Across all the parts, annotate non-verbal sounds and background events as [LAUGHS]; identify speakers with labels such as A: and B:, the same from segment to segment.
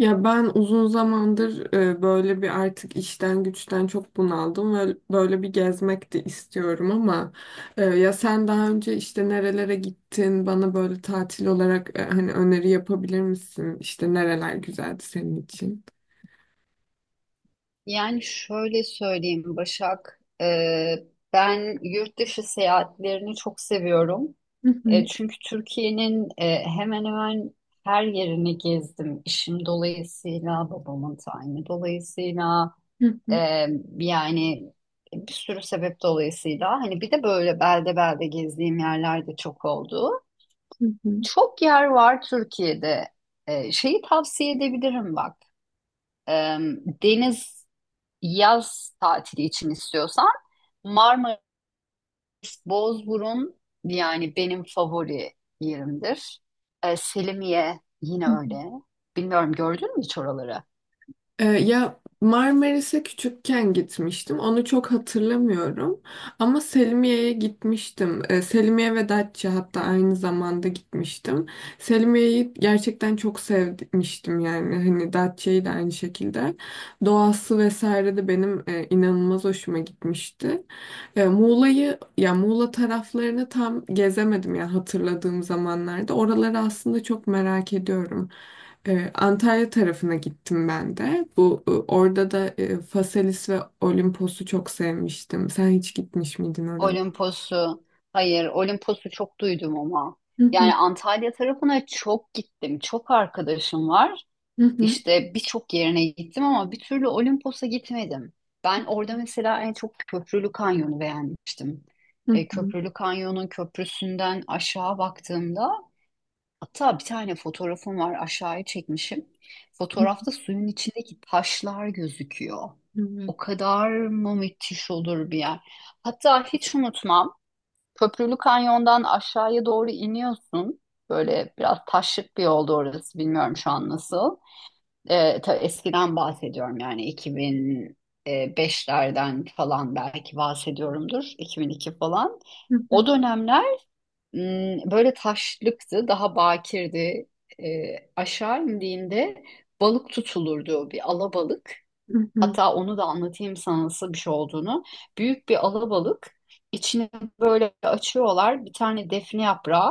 A: Ya ben uzun zamandır böyle bir artık işten güçten çok bunaldım ve böyle bir gezmek de istiyorum ama ya sen daha önce işte nerelere gittin bana böyle tatil olarak hani öneri yapabilir misin? İşte nereler güzeldi senin için?
B: Yani şöyle söyleyeyim Başak, ben yurt dışı seyahatlerini çok seviyorum.
A: Hı hı,
B: Çünkü Türkiye'nin hemen hemen her yerini gezdim. İşim dolayısıyla, babamın tayini dolayısıyla,
A: hı
B: e,
A: hı,
B: yani bir sürü sebep dolayısıyla. Hani bir de böyle belde belde gezdiğim yerler de çok oldu.
A: hı hı.
B: Çok yer var Türkiye'de. Şeyi tavsiye edebilirim bak. E, Deniz yaz tatili için istiyorsan Marmaris, Bozburun yani benim favori yerimdir. Selimiye yine öyle. Bilmiyorum gördün mü hiç oraları?
A: Ya Marmaris'e küçükken gitmiştim. Onu çok hatırlamıyorum. Ama Selimiye'ye gitmiştim. Selimiye ve Datça hatta aynı zamanda gitmiştim. Selimiye'yi gerçekten çok sevmiştim yani. Hani Datça'yı da aynı şekilde. Doğası vesaire de benim inanılmaz hoşuma gitmişti. Muğla'yı ya Muğla taraflarını tam gezemedim ya hatırladığım zamanlarda. Oraları aslında çok merak ediyorum. Antalya tarafına gittim ben de. Bu orada da Phaselis ve Olimpos'u çok sevmiştim. Sen hiç gitmiş miydin oralara?
B: Olimpos'u hayır, Olimpos'u çok duydum ama
A: Hı hı,
B: yani Antalya tarafına çok gittim. Çok arkadaşım var.
A: hı hı,
B: İşte birçok yerine gittim ama bir türlü Olimpos'a gitmedim. Ben orada mesela en çok Köprülü Kanyon'u beğenmiştim.
A: hı hı,
B: Köprülü Kanyon'un köprüsünden aşağı baktığımda hatta bir tane fotoğrafım var, aşağıya çekmişim.
A: hı
B: Fotoğrafta suyun içindeki taşlar gözüküyor.
A: hı, evet.
B: O kadar mı müthiş olur bir yer. Hatta hiç unutmam, Köprülü Kanyon'dan aşağıya doğru iniyorsun. Böyle biraz taşlık bir yoldu orası, bilmiyorum şu an nasıl. Eskiden bahsediyorum, yani 2005'lerden falan belki bahsediyorumdur. 2002 falan.
A: Hı hı,
B: O dönemler böyle taşlıktı, daha bakirdi. E, Aşağı indiğinde balık tutulurdu, bir alabalık.
A: hı hı,
B: Hatta onu da anlatayım sana nasıl bir şey olduğunu. Büyük bir alabalık. İçini böyle açıyorlar. Bir tane defne yaprağı,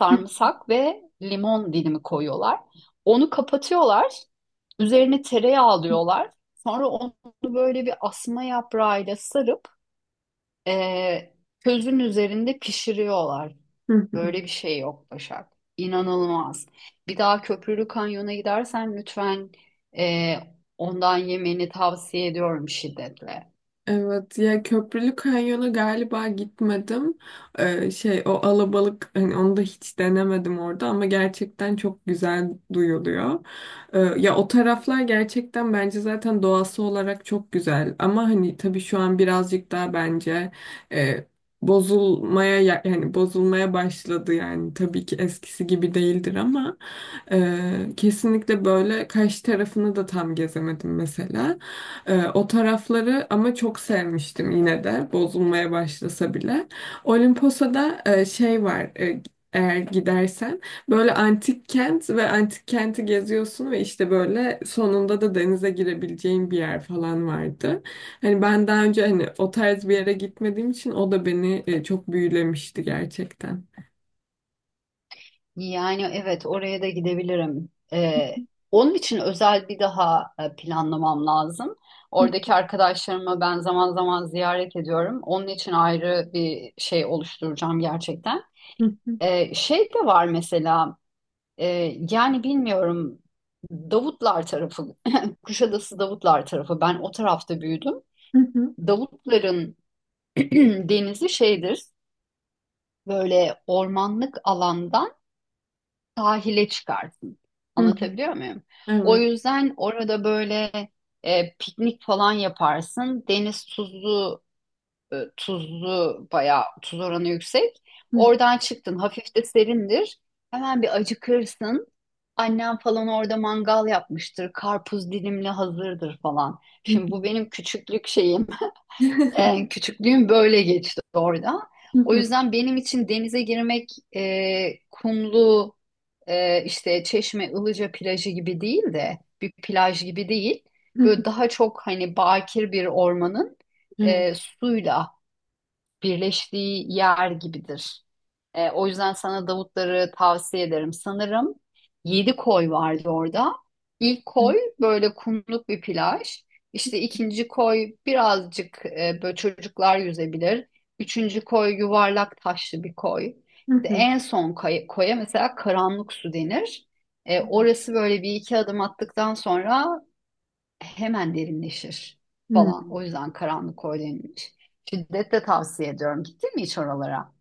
B: sarımsak ve limon dilimi koyuyorlar. Onu kapatıyorlar. Üzerine tereyağı alıyorlar. Sonra onu böyle bir asma yaprağıyla sarıp eee közün üzerinde pişiriyorlar.
A: hı hı.
B: Böyle bir şey yok Başak. İnanılmaz. Bir daha Köprülü Kanyon'a gidersen lütfen ondan yemeni tavsiye ediyorum şiddetle.
A: Evet ya Köprülü Kanyon'a galiba gitmedim. Şey o alabalık hani onu da hiç denemedim orada ama gerçekten çok güzel duyuluyor. Ya o taraflar gerçekten bence zaten doğası olarak çok güzel ama hani tabii şu an birazcık daha bence e, bozulmaya yani bozulmaya başladı yani tabii ki eskisi gibi değildir ama kesinlikle böyle Kaş tarafını da tam gezemedim mesela. O tarafları ama çok sevmiştim yine de bozulmaya başlasa bile. Olimposa'da şey var eğer gidersen böyle antik kent ve antik kenti geziyorsun ve işte böyle sonunda da denize girebileceğin bir yer falan vardı. Hani ben daha önce hani o tarz bir yere gitmediğim için o da beni çok büyülemişti gerçekten.
B: Yani evet, oraya da gidebilirim. Onun için özel bir daha planlamam lazım. Oradaki arkadaşlarımı ben zaman zaman ziyaret ediyorum. Onun için ayrı bir şey oluşturacağım gerçekten. Şey de var mesela, e, bilmiyorum, Davutlar tarafı, [LAUGHS] Kuşadası Davutlar tarafı. Ben o tarafta büyüdüm.
A: Evet. [LAUGHS]
B: Davutların [CLEARS THROAT] denizi şeydir, böyle ormanlık alandan sahile çıkarsın. Anlatabiliyor muyum? O
A: Evet.
B: yüzden orada böyle piknik falan yaparsın. Deniz tuzlu, bayağı tuz oranı yüksek.
A: Hı
B: Oradan çıktın, hafif de serindir. Hemen bir acıkırsın. Annem falan orada mangal yapmıştır. Karpuz dilimli hazırdır falan.
A: hı
B: Şimdi bu benim küçüklük şeyim. Küçüklüğüm böyle geçti orada.
A: hı
B: O
A: hı
B: yüzden benim için denize girmek kumlu, işte Çeşme Ilıca plajı gibi değil, de bir plaj gibi değil.
A: hı
B: Böyle daha çok hani bakir bir ormanın
A: hı
B: suyla birleştiği yer gibidir. O yüzden sana Davutları tavsiye ederim. Sanırım yedi koy vardı orada. İlk koy böyle kumluk bir plaj. İşte ikinci koy birazcık, böyle çocuklar yüzebilir. Üçüncü koy yuvarlak taşlı bir koy.
A: hı
B: İşte
A: hı
B: en son koya mesela karanlık su denir. Orası böyle bir iki adım attıktan sonra hemen derinleşir
A: hı.
B: falan.
A: [LAUGHS]
B: O yüzden karanlık koy denilmiş. Şiddetle tavsiye ediyorum. Gittin mi hiç oralara?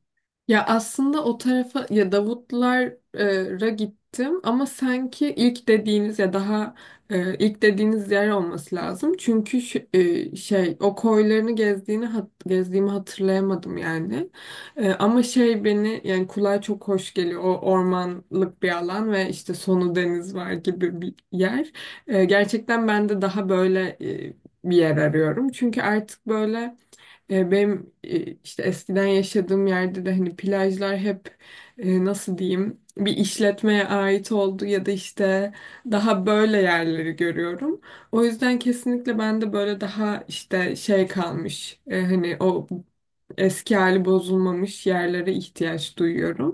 A: Ya aslında o tarafa ya Davutlar'a gittim ama sanki ilk dediğiniz ya daha ilk dediğiniz yer olması lazım. Çünkü şey o koylarını gezdiğini gezdiğimi hatırlayamadım yani. Ama şey beni yani kulağa çok hoş geliyor. O ormanlık bir alan ve işte sonu deniz var gibi bir yer. Gerçekten ben de daha böyle bir yer arıyorum. Çünkü artık böyle benim işte eskiden yaşadığım yerde de hani plajlar hep nasıl diyeyim bir işletmeye ait oldu ya da işte daha böyle yerleri görüyorum. O yüzden kesinlikle ben de böyle daha işte şey kalmış hani o eski hali bozulmamış yerlere ihtiyaç duyuyorum.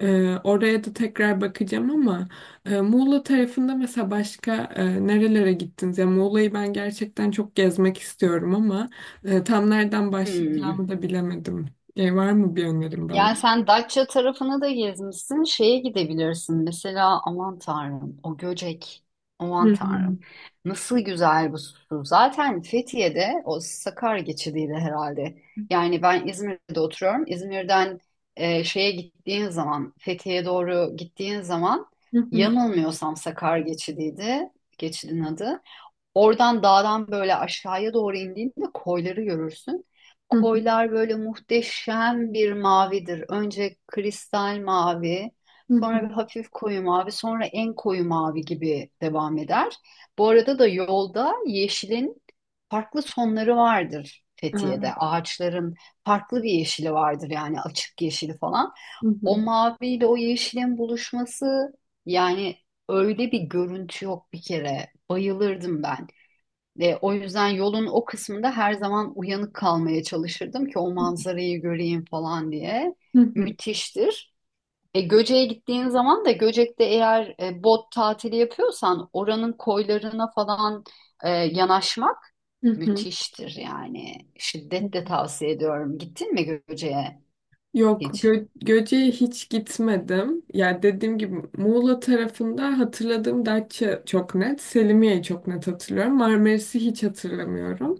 A: Oraya da tekrar bakacağım ama Muğla tarafında mesela başka nerelere gittiniz? Ya Muğla'yı ben gerçekten çok gezmek istiyorum ama. Tam nereden başlayacağımı
B: Hmm.
A: da bilemedim. Var mı bir önerin bana?
B: Yani sen Datça tarafına da gezmişsin. Şeye gidebilirsin mesela, aman tanrım, o Göcek.
A: Hı
B: Aman
A: hı.
B: tanrım. Nasıl güzel bu su. Zaten Fethiye'de o Sakarya geçidiydi herhalde. Yani ben İzmir'de oturuyorum. İzmir'den şeye gittiğin zaman, Fethiye'ye doğru gittiğin zaman
A: Hı hı.
B: yanılmıyorsam Sakarya geçidiydi. Geçidin adı. Oradan dağdan böyle aşağıya doğru indiğinde koyları görürsün.
A: Hı hı.
B: Koylar böyle muhteşem bir mavidir. Önce kristal mavi,
A: Hı hı.
B: sonra bir hafif koyu mavi, sonra en koyu mavi gibi devam eder. Bu arada da yolda yeşilin farklı sonları vardır
A: Aa,
B: Fethiye'de. Ağaçların farklı bir yeşili vardır, yani açık yeşili falan.
A: hı
B: O
A: hı.
B: maviyle o yeşilin buluşması, yani öyle bir görüntü yok bir kere. Bayılırdım ben. O yüzden yolun o kısmında her zaman uyanık kalmaya çalışırdım ki o manzarayı göreyim falan diye.
A: Hı hı.
B: Müthiştir. Göcek'e gittiğin zaman da Göcek'te eğer bot tatili yapıyorsan oranın koylarına falan yanaşmak
A: Hı hı.
B: müthiştir yani. Şiddetle tavsiye ediyorum. Gittin mi Göcek'e
A: Yok,
B: hiç?
A: Göce'ye hiç gitmedim. Ya dediğim gibi Muğla tarafında hatırladığım Datça çok net, Selimiye'yi çok net hatırlıyorum. Marmaris'i hiç hatırlamıyorum.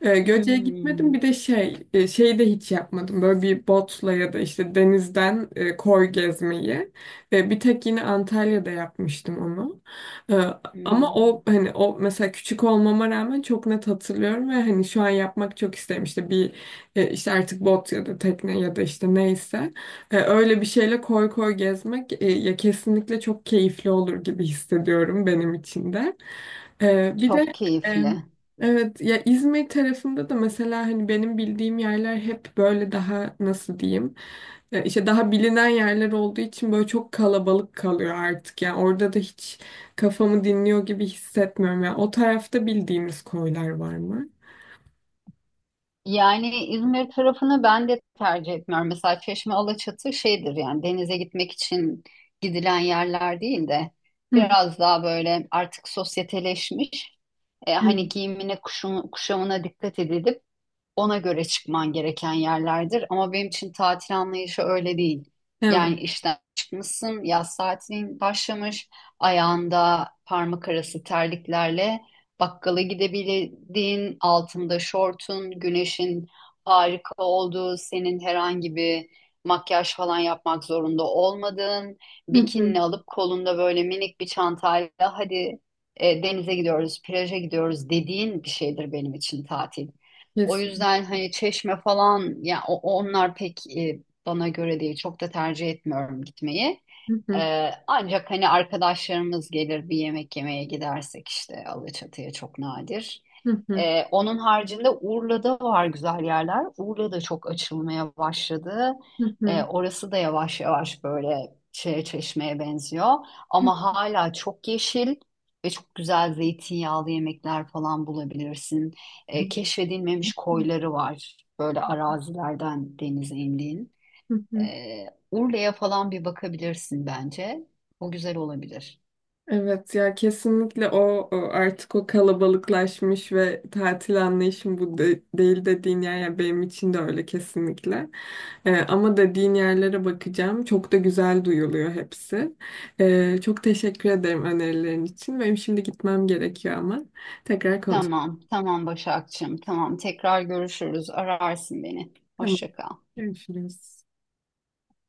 A: Göce'ye gitmedim. Bir
B: Hmm,
A: de şey, e, şeyi de hiç yapmadım. Böyle bir botla ya da işte denizden koy gezmeyi. Bir tek yine Antalya'da yapmıştım onu. E, Ama
B: hmm,
A: o hani o mesela küçük olmama rağmen çok net hatırlıyorum ve hani şu an yapmak çok isterim. İşte bir işte artık bot ya da tekne ya da işte neyse. Öyle bir şeyle koy gezmek ya kesinlikle çok keyifli olur gibi hissediyorum benim için de. E, bir de
B: çok
A: e,
B: keyifli.
A: evet ya İzmir tarafında da mesela hani benim bildiğim yerler hep böyle daha nasıl diyeyim işte daha bilinen yerler olduğu için böyle çok kalabalık kalıyor artık yani orada da hiç kafamı dinliyor gibi hissetmiyorum yani o tarafta bildiğimiz koylar var mı?
B: Yani İzmir tarafını ben de tercih etmiyorum. Mesela Çeşme Alaçatı şeydir, yani denize gitmek için gidilen yerler değil de
A: Hı
B: biraz daha böyle artık sosyeteleşmiş. Hani
A: hı.
B: giyimine kuşamına dikkat edilip ona göre çıkman gereken yerlerdir. Ama benim için tatil anlayışı öyle değil.
A: Evet.
B: Yani işten çıkmışsın, yaz tatilin başlamış, ayağında parmak arası terliklerle bakkala gidebildiğin, altında şortun, güneşin harika olduğu, senin herhangi bir makyaj falan yapmak zorunda olmadığın, bikinini
A: [LAUGHS]
B: alıp kolunda böyle minik bir çantayla hadi denize gidiyoruz, plaja gidiyoruz dediğin bir şeydir benim için tatil. O
A: Kesinlikle.
B: yüzden hani Çeşme falan ya, onlar pek bana göre değil. Çok da tercih etmiyorum gitmeyi.
A: Hı hı,
B: Ancak hani arkadaşlarımız gelir bir yemek yemeye gidersek işte Alaçatı'ya, çok nadir.
A: hı hı,
B: Onun haricinde Urla'da var güzel yerler. Urla'da çok açılmaya başladı.
A: hı hı,
B: Orası da yavaş yavaş böyle şeye, Çeşme'ye benziyor.
A: hı
B: Ama hala çok yeşil ve çok güzel zeytinyağlı yemekler falan bulabilirsin.
A: hı,
B: Keşfedilmemiş koyları var. Böyle arazilerden denize indiğin.
A: hı
B: E,
A: hı.
B: Urla'ya falan bir bakabilirsin bence. O güzel olabilir.
A: Evet ya kesinlikle o artık o kalabalıklaşmış ve tatil anlayışım bu değil dediğin yer yani benim için de öyle kesinlikle. Ama dediğin yerlere bakacağım. Çok da güzel duyuluyor hepsi. Çok teşekkür ederim önerilerin için. Benim şimdi gitmem gerekiyor ama tekrar konuşalım.
B: Tamam, tamam Başakçığım. Tamam, tekrar görüşürüz. Ararsın beni.
A: Tamam,
B: Hoşça kal.
A: görüşürüz.